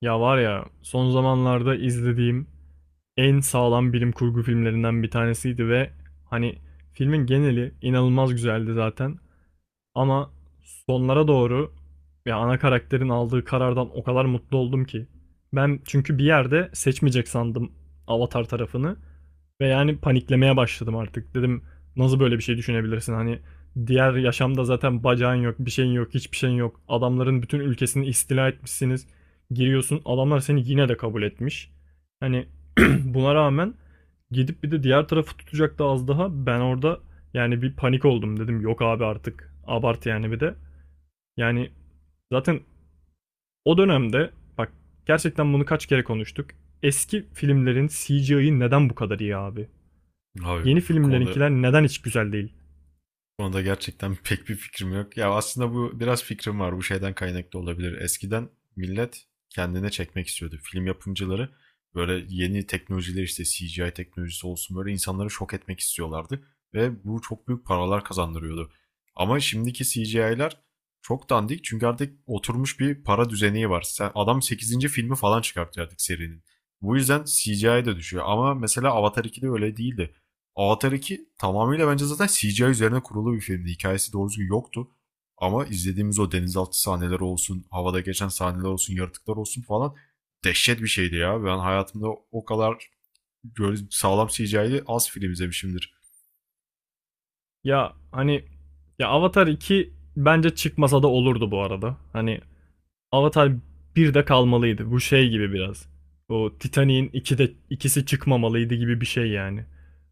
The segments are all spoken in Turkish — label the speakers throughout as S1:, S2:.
S1: Ya var ya son zamanlarda izlediğim en sağlam bilim kurgu filmlerinden bir tanesiydi ve hani filmin geneli inanılmaz güzeldi zaten, ama sonlara doğru ya ana karakterin aldığı karardan o kadar mutlu oldum ki. Ben çünkü bir yerde seçmeyecek sandım Avatar tarafını ve yani paniklemeye başladım artık. Dedim nasıl böyle bir şey düşünebilirsin? Hani diğer yaşamda zaten bacağın yok, bir şeyin yok, hiçbir şeyin yok. Adamların bütün ülkesini istila etmişsiniz. Giriyorsun, adamlar seni yine de kabul etmiş. Hani buna rağmen gidip bir de diğer tarafı tutacaktı az daha. Ben orada yani bir panik oldum dedim. Yok abi, artık abart yani bir de. Yani zaten o dönemde bak gerçekten bunu kaç kere konuştuk. Eski filmlerin CGI'yi neden bu kadar iyi abi?
S2: Abi
S1: Yeni
S2: bu konuda, bu
S1: filmlerinkiler neden hiç güzel değil?
S2: konuda gerçekten pek bir fikrim yok. Ya aslında bu biraz fikrim var. Bu şeyden kaynaklı olabilir. Eskiden millet kendine çekmek istiyordu. Film yapımcıları böyle yeni teknolojiler, işte CGI teknolojisi olsun, böyle insanları şok etmek istiyorlardı. Ve bu çok büyük paralar kazandırıyordu. Ama şimdiki CGI'ler çok dandik çünkü artık oturmuş bir para düzeni var. Sen, adam sekizinci filmi falan çıkartıyor artık serinin. Bu yüzden CGI de düşüyor. Ama mesela Avatar 2'de öyle değildi. Avatar 2 tamamıyla bence zaten CGI üzerine kurulu bir filmdi. Hikayesi doğru düzgün yoktu. Ama izlediğimiz o denizaltı sahneleri olsun, havada geçen sahneler olsun, yaratıklar olsun falan, dehşet bir şeydi ya. Ben hayatımda o kadar böyle sağlam CGI'li az film izlemişimdir.
S1: Ya hani ya Avatar iki bence çıkmasa da olurdu bu arada. Hani Avatar bir de kalmalıydı. Bu şey gibi biraz. O Titanic'in 2'de ikisi çıkmamalıydı gibi bir şey yani.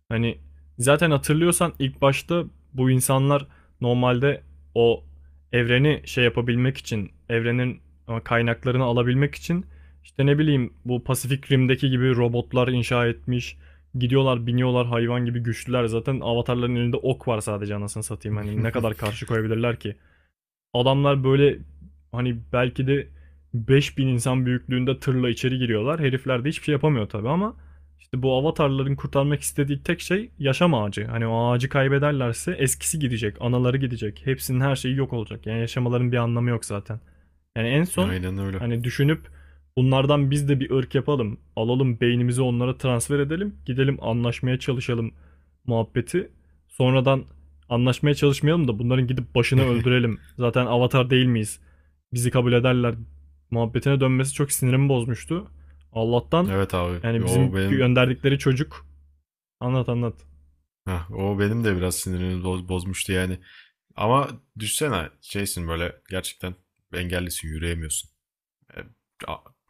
S1: Hani zaten hatırlıyorsan ilk başta bu insanlar normalde o evreni şey yapabilmek için, evrenin kaynaklarını alabilmek için işte ne bileyim bu Pasifik Rim'deki gibi robotlar inşa etmiş. Gidiyorlar, biniyorlar, hayvan gibi güçlüler. Zaten avatarların elinde ok var sadece, anasını satayım. Hani ne kadar karşı koyabilirler ki? Adamlar böyle hani belki de 5.000 insan büyüklüğünde tırla içeri giriyorlar. Herifler de hiçbir şey yapamıyor tabii, ama işte bu avatarların kurtarmak istediği tek şey yaşam ağacı. Hani o ağacı kaybederlerse eskisi gidecek, anaları gidecek. Hepsinin her şeyi yok olacak. Yani yaşamaların bir anlamı yok zaten. Yani en son
S2: Aynen öyle.
S1: hani düşünüp bunlardan biz de bir ırk yapalım. Alalım beynimizi onlara transfer edelim. Gidelim anlaşmaya çalışalım muhabbeti. Sonradan, anlaşmaya çalışmayalım da bunların gidip başını öldürelim. Zaten avatar değil miyiz? Bizi kabul ederler. Muhabbetine dönmesi çok sinirimi bozmuştu. Allah'tan
S2: Evet abi.
S1: yani
S2: O
S1: bizim
S2: benim.
S1: gönderdikleri çocuk. Anlat anlat.
S2: Heh, o benim de biraz sinirimi bozmuştu yani. Ama düşsene, şeysin böyle gerçekten, engellisin, yürüyemiyorsun. E,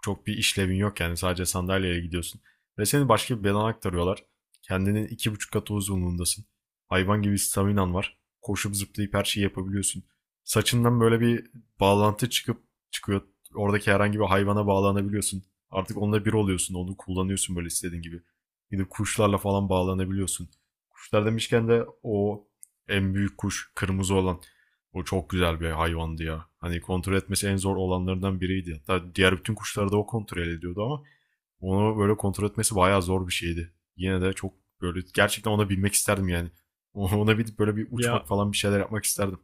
S2: Çok bir işlevin yok yani, sadece sandalyeye gidiyorsun. Ve seni başka bir bedana aktarıyorlar. Kendinin 2,5 katı uzunluğundasın. Hayvan gibi staminan var. Koşup zıplayıp her şeyi yapabiliyorsun. Saçından böyle bir bağlantı çıkıyor. Oradaki herhangi bir hayvana bağlanabiliyorsun. Artık onunla bir oluyorsun. Onu kullanıyorsun böyle istediğin gibi. Gidip kuşlarla falan bağlanabiliyorsun. Kuşlar demişken de o en büyük kuş, kırmızı olan, o çok güzel bir hayvandı ya. Hani kontrol etmesi en zor olanlarından biriydi. Hatta diğer bütün kuşları da o kontrol ediyordu ama onu böyle kontrol etmesi bayağı zor bir şeydi. Yine de çok böyle gerçekten ona binmek isterdim yani. Ona bir böyle bir
S1: Ya,
S2: uçmak falan bir şeyler yapmak isterdim.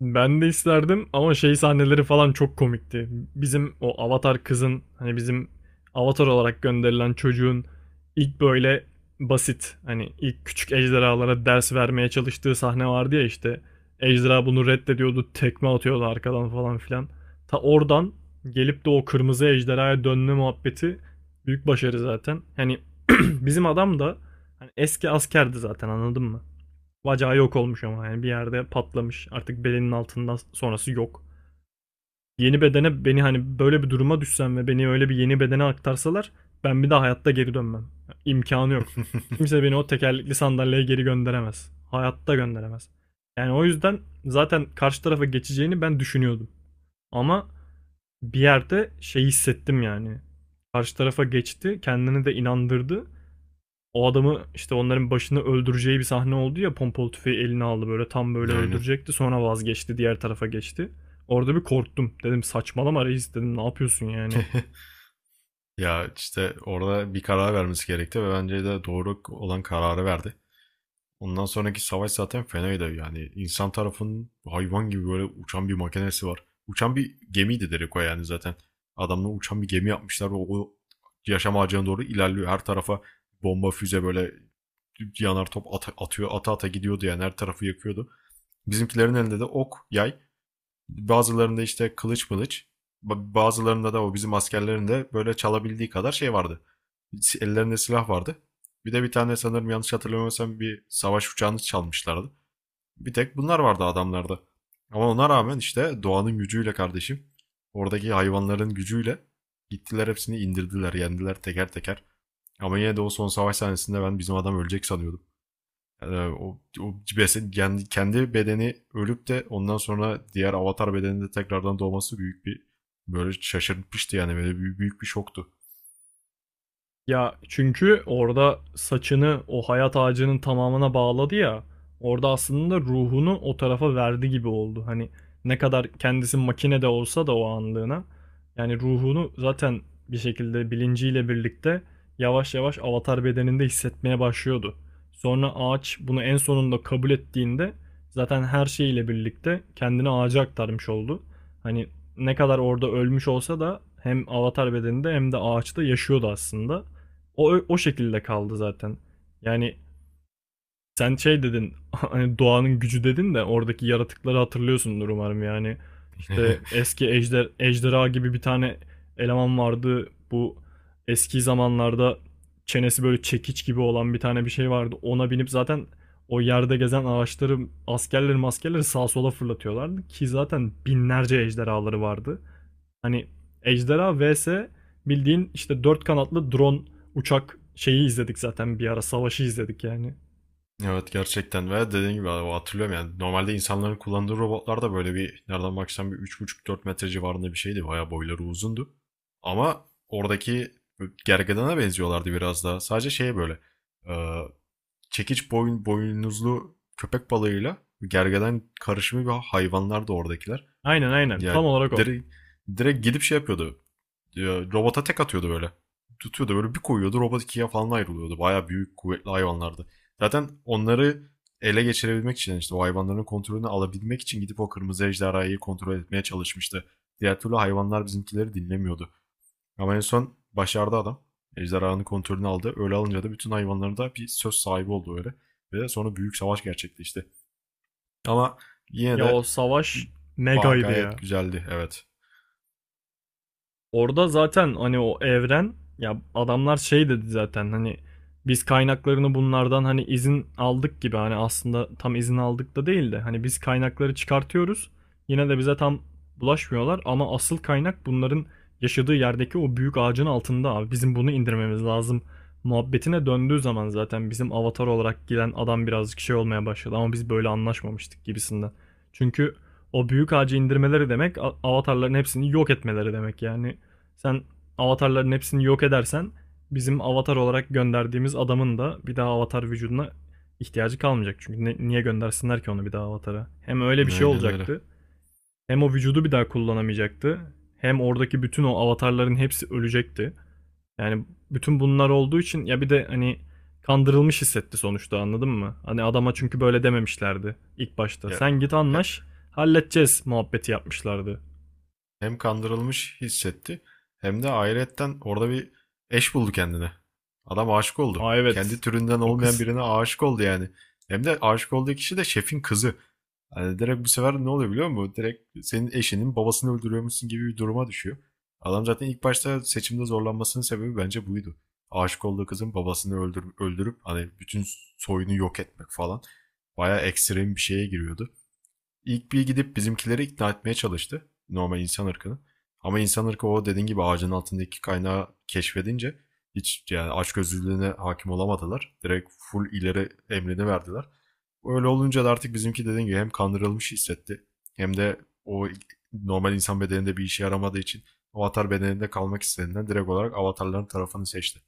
S1: ben de isterdim ama şey sahneleri falan çok komikti. Bizim o Avatar kızın, hani bizim Avatar olarak gönderilen çocuğun ilk böyle basit hani ilk küçük ejderhalara ders vermeye çalıştığı sahne vardı ya işte. Ejderha bunu reddediyordu, tekme atıyordu arkadan falan filan. Ta oradan gelip de o kırmızı ejderhaya dönme muhabbeti büyük başarı zaten. Hani bizim adam da hani eski askerdi zaten, anladın mı? Bacağı yok olmuş ama yani bir yerde patlamış. Artık belinin altından sonrası yok. Yeni bedene, beni hani böyle bir duruma düşsem ve beni öyle bir yeni bedene aktarsalar ben bir daha hayatta geri dönmem. İmkanı yok. Kimse beni o tekerlekli sandalyeye geri gönderemez. Hayatta gönderemez. Yani o yüzden zaten karşı tarafa geçeceğini ben düşünüyordum. Ama bir yerde şey hissettim yani. Karşı tarafa geçti, kendini de inandırdı, o adamı işte onların başını öldüreceği bir sahne oldu ya, pompalı tüfeği eline aldı böyle tam böyle
S2: Aynen.
S1: öldürecekti, sonra vazgeçti, diğer tarafa geçti. Orada bir korktum, dedim saçmalama reis, dedim ne yapıyorsun yani.
S2: Ya işte orada bir karar vermesi gerekti ve bence de doğru olan kararı verdi. Ondan sonraki savaş zaten fenaydı yani. İnsan tarafının hayvan gibi böyle uçan bir makinesi var. Uçan bir gemiydi Derek o, yani zaten. Adamla uçan bir gemi yapmışlar ve o yaşam ağacına doğru ilerliyor. Her tarafa bomba, füze, böyle yanar top atıyor. Ata ata gidiyordu yani, her tarafı yakıyordu. Bizimkilerin elinde de ok, yay. Bazılarında işte kılıç mılıç, bazılarında da o bizim askerlerin de böyle çalabildiği kadar şey vardı. Ellerinde silah vardı. Bir de bir tane, sanırım yanlış hatırlamıyorsam, bir savaş uçağını çalmışlardı. Bir tek bunlar vardı adamlarda. Ama ona rağmen işte doğanın gücüyle kardeşim, oradaki hayvanların gücüyle gittiler, hepsini indirdiler, yendiler teker teker. Ama yine de o son savaş sahnesinde ben bizim adam ölecek sanıyordum. Kendi bedeni ölüp de ondan sonra diğer avatar bedeninde tekrardan doğması, büyük bir böyle şaşırtmıştı yani, böyle büyük, büyük bir şoktu.
S1: Ya çünkü orada saçını o hayat ağacının tamamına bağladı ya. Orada aslında ruhunu o tarafa verdi gibi oldu. Hani ne kadar kendisi makine de olsa da o anlığına. Yani ruhunu zaten bir şekilde bilinciyle birlikte yavaş yavaş avatar bedeninde hissetmeye başlıyordu. Sonra ağaç bunu en sonunda kabul ettiğinde zaten her şeyiyle birlikte kendini ağaca aktarmış oldu. Hani ne kadar orada ölmüş olsa da hem avatar bedeninde hem de ağaçta yaşıyordu aslında. O şekilde kaldı zaten. Yani sen şey dedin, hani doğanın gücü dedin de oradaki yaratıkları hatırlıyorsundur umarım yani. İşte eski ejderha gibi bir tane eleman vardı. Bu eski zamanlarda çenesi böyle çekiç gibi olan bir tane bir şey vardı. Ona binip zaten o yerde gezen ağaçları, askerleri maskerleri sağa sola fırlatıyorlardı ki zaten binlerce ejderhaları vardı. Hani ejderha vs bildiğin işte dört kanatlı drone uçak şeyi izledik zaten, bir ara savaşı izledik yani.
S2: Evet gerçekten ve dediğim gibi abi, hatırlıyorum yani normalde insanların kullandığı robotlar da böyle bir, nereden baksan bir 3,5-4 metre civarında bir şeydi. Bayağı boyları uzundu. Ama oradaki gergedana benziyorlardı biraz daha. Sadece şey böyle e, çekiç boyun, boynuzlu köpek balığıyla gergeden karışımı bir hayvanlar da oradakiler.
S1: Aynen aynen,
S2: Ya
S1: tam olarak o.
S2: direkt, direkt gidip şey yapıyordu. Robota tek atıyordu böyle. Tutuyordu böyle, bir koyuyordu, robot ikiye falan ayrılıyordu. Baya büyük kuvvetli hayvanlardı. Zaten onları ele geçirebilmek için, işte o hayvanların kontrolünü alabilmek için, gidip o kırmızı ejderhayı kontrol etmeye çalışmıştı. Diğer türlü hayvanlar bizimkileri dinlemiyordu. Ama en son başardı adam. Ejderhanın kontrolünü aldı. Öyle alınca da bütün hayvanların da bir söz sahibi oldu öyle. Ve sonra büyük savaş gerçekleşti. Ama yine
S1: Ya
S2: de
S1: o savaş megaydı
S2: gayet
S1: ya.
S2: güzeldi, evet.
S1: Orada zaten hani o evren, ya adamlar şey dedi zaten, hani biz kaynaklarını bunlardan hani izin aldık gibi, hani aslında tam izin aldık da değil de, hani biz kaynakları çıkartıyoruz yine de bize tam bulaşmıyorlar, ama asıl kaynak bunların yaşadığı yerdeki o büyük ağacın altında, abi bizim bunu indirmemiz lazım muhabbetine döndüğü zaman zaten bizim avatar olarak gelen adam birazcık şey olmaya başladı, ama biz böyle anlaşmamıştık gibisinden. Çünkü o büyük ağacı indirmeleri demek avatarların hepsini yok etmeleri demek yani. Sen avatarların hepsini yok edersen bizim avatar olarak gönderdiğimiz adamın da bir daha avatar vücuduna ihtiyacı kalmayacak. Çünkü niye göndersinler ki onu bir daha avatara? Hem öyle bir şey
S2: Aynen öyle.
S1: olacaktı. Hem o vücudu bir daha kullanamayacaktı. Hem oradaki bütün o avatarların hepsi ölecekti. Yani bütün bunlar olduğu için, ya bir de hani kandırılmış hissetti sonuçta, anladın mı? Hani adama çünkü böyle dememişlerdi ilk başta.
S2: Ya,
S1: Sen git anlaş, halledeceğiz muhabbeti yapmışlardı.
S2: hem kandırılmış hissetti hem de ayrıyetten orada bir eş buldu kendine. Adam aşık oldu.
S1: Aa
S2: Kendi
S1: evet,
S2: türünden
S1: o
S2: olmayan
S1: kız.
S2: birine aşık oldu yani. Hem de aşık olduğu kişi de şefin kızı. Hani direkt bu sefer ne oluyor biliyor musun? Direkt senin eşinin babasını öldürüyormuşsun gibi bir duruma düşüyor. Adam zaten ilk başta seçimde zorlanmasının sebebi bence buydu. Aşık olduğu kızın babasını öldür öldürüp hani bütün soyunu yok etmek falan. Bayağı ekstrem bir şeye giriyordu. İlk bir gidip bizimkileri ikna etmeye çalıştı. Normal insan ırkını. Ama insan ırkı, o dediğin gibi, ağacın altındaki kaynağı keşfedince hiç yani açgözlülüğüne hakim olamadılar. Direkt full ileri emrini verdiler. Öyle olunca da artık bizimki dediğin gibi hem kandırılmış hissetti, hem de o normal insan bedeninde bir işe yaramadığı için avatar bedeninde kalmak istediğinden direkt olarak avatarların tarafını seçti.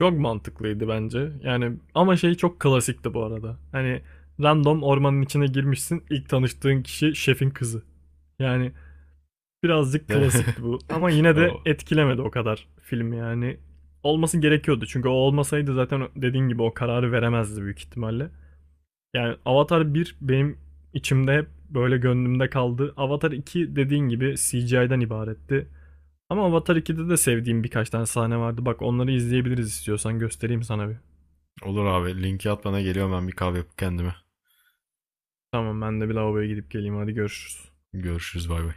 S1: Çok mantıklıydı bence. Yani ama şey çok klasikti bu arada. Hani random ormanın içine girmişsin. İlk tanıştığın kişi şefin kızı. Yani birazcık
S2: De
S1: klasikti bu, ama yine de
S2: o.
S1: etkilemedi o kadar film yani. Olması gerekiyordu çünkü o olmasaydı zaten dediğin gibi o kararı veremezdi büyük ihtimalle. Yani Avatar bir benim içimde hep böyle gönlümde kaldı. Avatar iki dediğin gibi CGI'den ibaretti. Ama Avatar iki'de de sevdiğim birkaç tane sahne vardı. Bak onları izleyebiliriz istiyorsan, göstereyim sana bir.
S2: Olur abi, linki at bana, geliyorum ben bir kahve yapıp kendime.
S1: Tamam, ben de bir lavaboya gidip geleyim, hadi görüşürüz.
S2: Görüşürüz, bay bay.